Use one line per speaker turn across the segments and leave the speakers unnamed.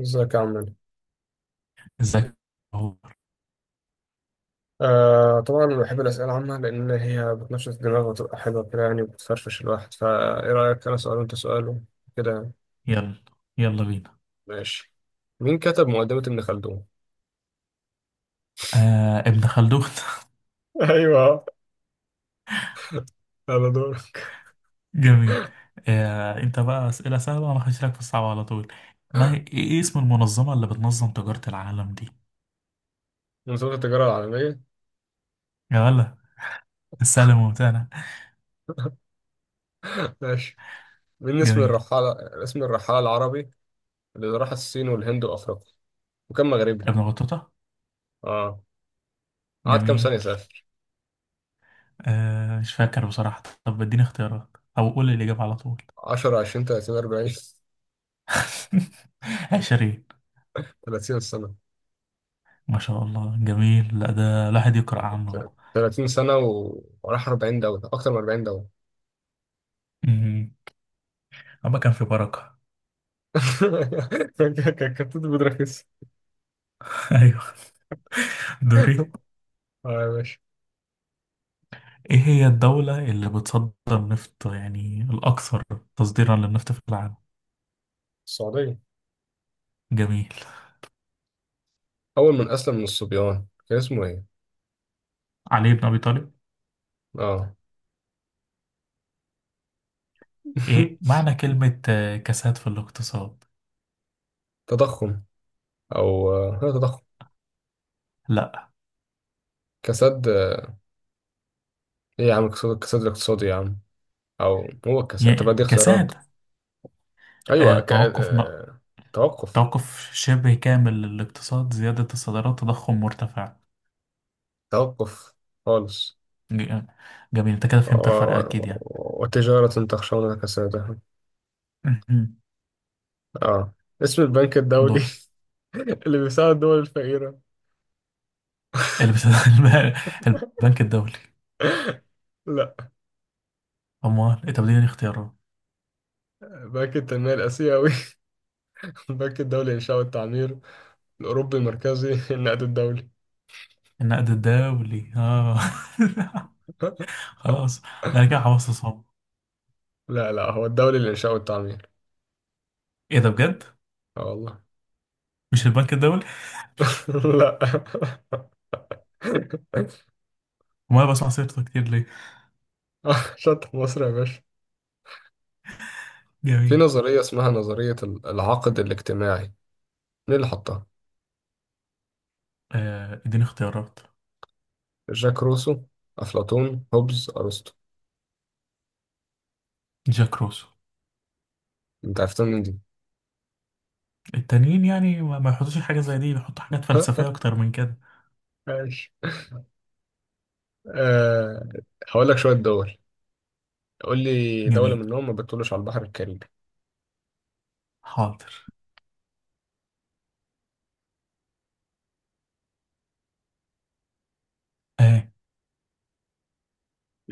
ازيك يا عمنا.
ازيك.
طبعا أنا بحب الأسئلة العامة لأن هي بتنشط الدماغ وتبقى حلوة كده يعني وبتفرفش الواحد، فإيه رأيك؟ أنا سؤال وأنت سؤال كده يعني؟
يلا يلا بينا.
ماشي. مين كتب مقدمة ابن خلدون؟
آه، ابن خلدون.
ايوه، على دورك.
جميل. انت بقى اسئله سهله وانا هخش لك في الصعب على طول. ما هي إيه اسم المنظمه اللي بتنظم تجاره العالم دي؟
منظومة التجارة العالمية.
يا ولا. السهل الممتع ده.
ماشي، مين اسم
جميل.
الرحالة، اسم الرحالة العربي اللي راح الصين والهند وأفريقيا وكان مغربي؟
ابن بطوطه.
اه، قعد كام
جميل.
سنة يسافر؟
مش فاكر بصراحه، طب اديني اختيارات او قول لي الاجابه على طول.
10، 20، 30، 40.
20.
30 سنة.
ما شاء الله جميل، لا ده الواحد يقرأ عنه بقى.
30 سنة، و- وراح 40 دولة، أكتر من 40 دولة.
أمم، أما كان في بركة.
كابتن بودراكس.
أيوه. دوري.
اه يا باشا.
إيه هي الدولة اللي بتصدر نفط يعني الأكثر تصديرا للنفط في العالم؟
السعودية.
جميل.
أول من أسلم من الصبيان كان اسمه إيه؟
علي بن أبي طالب.
آه.
إيه معنى كلمة كساد في الاقتصاد؟
تضخم. أو لا، تضخم،
لا.
كساد. إيه يا عم، كساد الاقتصادي يا عم. أو هو الكساد. طب
يعني
دي اختيارات.
كساد. آه،
أيوه،
توقف ن...
توقف.
توقف شبه كامل للاقتصاد، زيادة الصادرات، تضخم مرتفع.
توقف خالص.
ج- جميل. أنت كده
و...
فهمت الفرق أكيد يعني.
و- وتجارة تخشون كسادها. آه. اسم البنك الدولي،
دور.
اللي بيساعد الدول الفقيرة.
اللي بس... البنك الدولي.
لا.
أموال إيه؟ طب دي يعني اختيارات.
بنك التنمية الآسيوي، البنك الدولي للإنشاء والتعمير، الأوروبي المركزي، النقد الدولي.
النقد الدولي آه. خلاص ده، انا كده خلاص.
لا لا، هو الدولي للإنشاء والتعمير.
ايه ده بجد؟
اه والله.
مش البنك الدولي؟
لا.
وما بسمع سيرته كتير ليه؟
شطح مصر يا باشا. في
جميل.
نظرية اسمها نظرية العقد الاجتماعي، مين اللي حطها؟
اديني اختيارات.
جاك روسو، أفلاطون، هوبز، أرسطو.
جاك روسو.
أنت عرفتها من دي.
التانيين يعني ما يحطوش حاجة زي دي، بيحطوا حاجات فلسفية أكتر من كده.
ماشي. أه، هقول لك شوية دول، قول لي دولة
جميل.
منهم ما بتطلش على البحر الكاريبي.
حاضر. آه.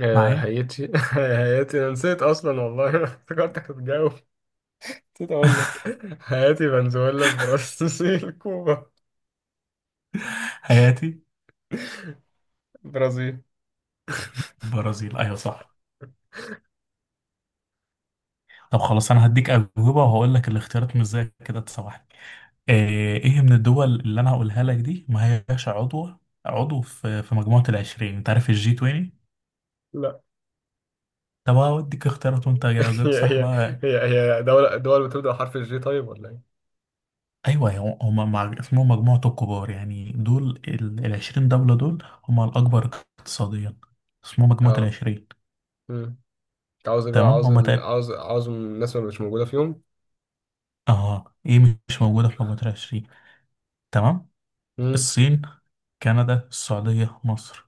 معايا.
هايتي. هايتي، انا نسيت اصلا والله. افتكرتك هتجاوب، نسيت اقول لك. هاتي، فنزويلا، البرازيل، كوبا.
حياتي.
البرازيل.
البرازيل، أيوة صح. طب خلاص أنا هديك أجوبة وهقول لك الاختيارات، مش زي كده، تسامحني. آه. إيه من الدول اللي أنا هقولها لك دي ما هياش عضوة عضو في مجموعة العشرين، أنت عارف الجي 20؟
لا.
طب هوديك اختيارات وأنت جاوبت
هي
صح
هي،
بقى.
هي، هي دولة، دول بتبدأ حرف الجي طيب ولا ايه؟
ايوه هم اسمهم مجموعة الكبار، يعني دول العشرين دولة دول، هم الأكبر اقتصاديا، اسمهم مجموعة
اه.
العشرين.
مم. انت عاوز ايه بقى،
تمام
عاوز
هم
ال...
تقريبا.
عاوز عاوز الناس اللي مش موجودة فيهم.
اه ايه، مش موجودة في مجموعة العشرين. تمام.
مم.
الصين، كندا، السعودية، مصر.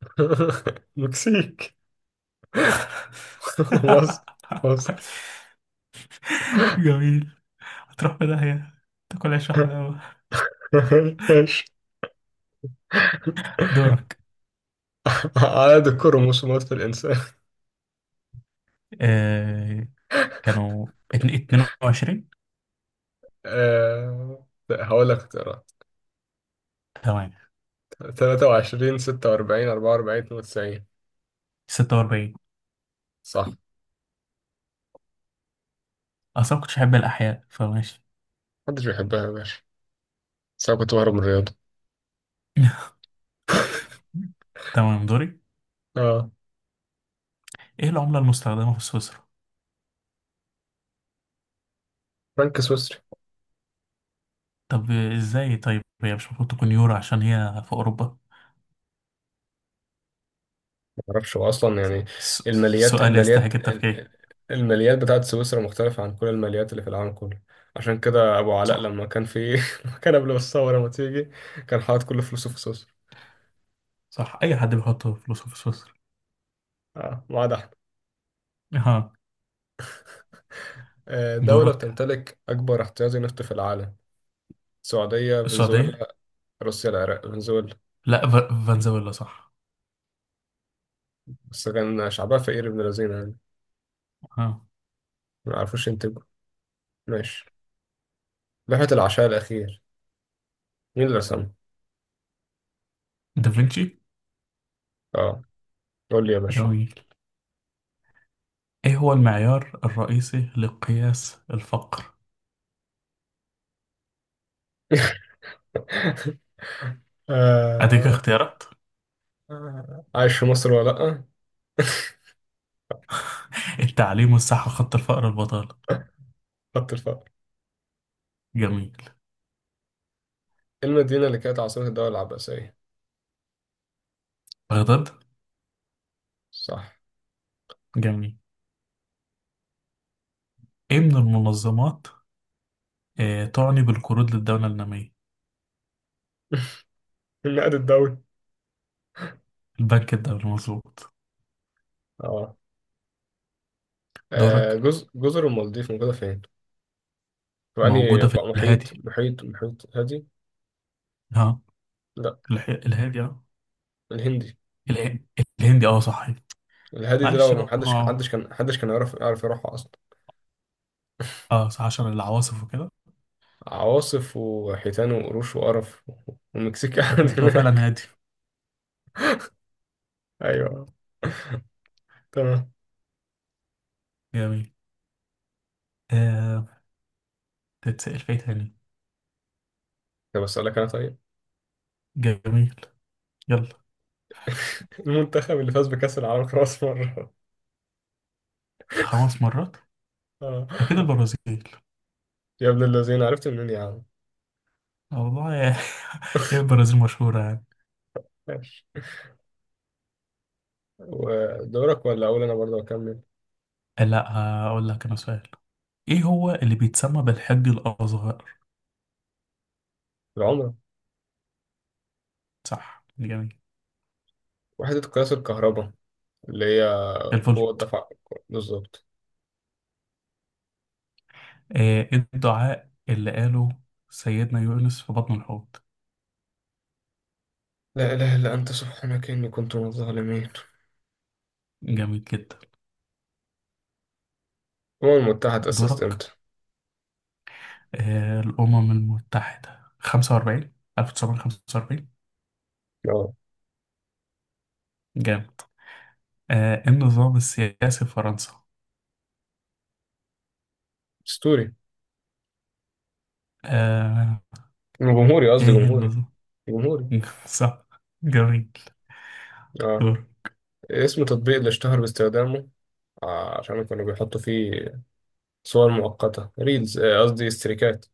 مكسيك. مصر. مصر.
جميل. هتروح في داهية تاكل عيش وحلاوة.
ايش.
دورك.
عدد الكروموسومات في الإنسان.
آه. كانوا 22.
هقول لك اختيارات:
تمام.
23، 46، 44، 92.
46.
صح.
أصلا ما كنتش أحب الأحياء فماشي.
محدش بيحبها يا باشا، بس انا كنت بهرب من الرياضه.
تمام. دوري.
اه.
ايه العملة المستخدمة في سويسرا؟
فرانك سويسري.
طب ازاي؟ طيب هي مش المفروض تكون يورو عشان هي في اوروبا؟
ما اعرفش هو اصلا يعني.
س-
الماليات
سؤال
الماليات
يستحق التفكير.
الماليات بتاعت سويسرا مختلفه عن كل الماليات اللي في العالم كله. عشان كده ابو علاء
صح.
لما كان في، لما كان قبل ما الثوره ما تيجي، كان حاطط كل فلوسه في سويسرا.
صح، اي حد بيحط فلوسه في سويسرا.
اه، ما عدا احنا.
ها.
دولة
دورك.
بتمتلك أكبر احتياطي نفط في العالم. السعودية،
السعودية؟
فنزويلا، روسيا، العراق، فنزويلا.
لا، فنزويلا صح.
بس كان شعبها فقير ابن لذين يعني،
ها.
ما يعرفوش ينتجوا. ماشي. لوحة العشاء الأخير، مين اللي رسمها؟
دافنشي.
اه. قول لي يا باشا.
جميل. ايه هو المعيار الرئيسي لقياس الفقر؟ اديك
آه،
اختيارات.
عايش في مصر ولا لأ؟
التعليم والصحة، خط الفقر، البطالة.
خط الفقر.
جميل.
المدينة اللي كانت عاصمة الدولة العباسية.
بغداد.
صح.
جميل. ايه من المنظمات تعني بالقروض للدولة النامية؟
النقد الدولي.
الباك الدوري مظبوط.
اه.
دورك.
جزر، جزر المالديف موجودة فين؟ يعني
موجودة في
بقى، محيط
الهادي.
محيط محيط هادي؟
ها.
لا،
الهادي اه.
الهندي.
اله... الهندي اه صح.
الهادي ده لو
معلش بقى
محدش كان، حدش
اه.
كان حدش كان يعرف، يروحها أصلا.
صح، عشان العواصف وكده.
عواصف وحيتان وقروش وقرف، والمكسيك
مهم.
قاعد
هو فعلا
هناك.
هادي.
أيوه. تمام.
جميل. آه... تتسأل في إيه تاني؟
طب أسألك أنا طيب.
جميل. يلا.
المنتخب اللي فاز بكأس العالم خلاص مرة.
5 مرات.
آه.
أكيد البرازيل.
يا ابن الذين عرفت منين يا عم.
والله هي البرازيل مشهورة يعني.
ماشي، ودورك ولا اقول انا برضه اكمل؟
لا، هقول لك أنا سؤال. إيه هو اللي بيتسمى بالحج الأصغر؟
العمره.
صح جميل.
وحده قياس الكهرباء اللي هي قوه
الفولت.
دفع. بالظبط.
إيه الدعاء اللي قاله سيدنا يونس في بطن الحوت؟
لا اله الا انت سبحانك اني كنت من الظالمين.
جميل جدا.
الامم المتحده تاسست
دورك.
امتى؟
الأمم المتحدة 45 1945.
اه.
جامد. إيه النظام السياسي في فرنسا؟
اسطوري.
آه،
جمهوري، قصدي
إيه
جمهوري.
النظام؟
جمهوري.
صح. جميل.
اه.
دور.
اسم تطبيق اللي اشتهر باستخدامه، عشان كانوا بيحطوا فيه صور مؤقته، ريلز، قصدي استريكات.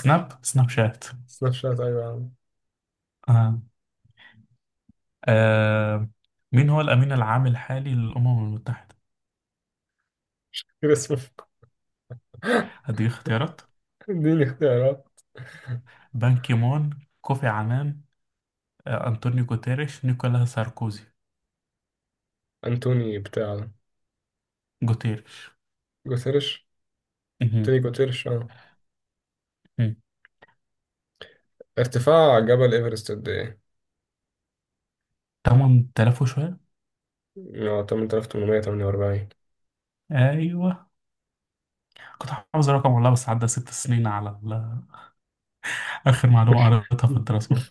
سناب شات.
سناب شات ايوه يا عم.
آه. آه. مين هو الأمين العام الحالي للأمم المتحدة؟
كده اسمه.
هدي اختيارات.
اديني اختيارات.
بان كيمون، كوفي عنان، أنطونيو غوتيريش، نيكولا ساركوزي.
انتوني بتاع،
جوتيرش.
جوثيرش.
مهم.
توني جوثيرش اه.
مهم.
ارتفاع جبل إيفرست قد إيه؟
8000 وشوية.
اه، 8848.
ايوه. كنت حافظ الرقم والله، بس عدى 6 سنين على اخر معلومة قريتها في الدراسات.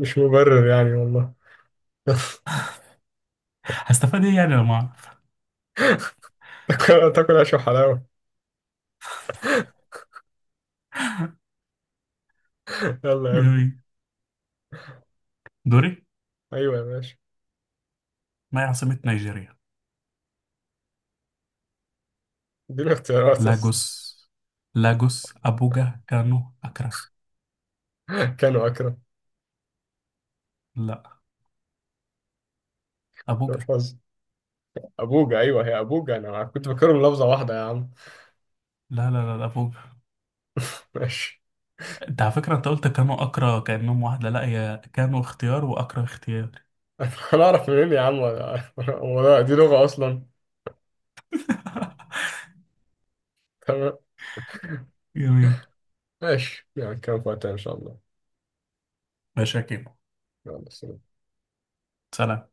مش مبرر يعني والله.
هستفاد ايه يعني لما اعرف؟
تاكل عيش وحلاوة. يلا يا ابني.
جميل. دوري.
أيوة يا باشا.
ما هي عاصمة نيجيريا؟
اديني اختيارات بس.
لاجوس. لاجوس، ابوجا، كانو، اكرا.
كانوا أكرم.
لا.
ده مش
ابوجا.
حظ. أبوجا، أيوة هي أبوجا. أنا كنت فاكرهم لفظة واحدة يا عم.
لا لا لا لا، ابوجا.
ماشي.
انت على فكرة انت قلت كانو اكرا كأنهم واحدة، لا، هي كانو اختيار واكرا اختيار.
أنا أعرف منين يا عم. ولا، ولا دي لغة أصلا. تمام.
جميل.
ماشي يعني، كان وقتها إن شاء الله.
ماشي يا كيمو.
يلا سلام.
سلام.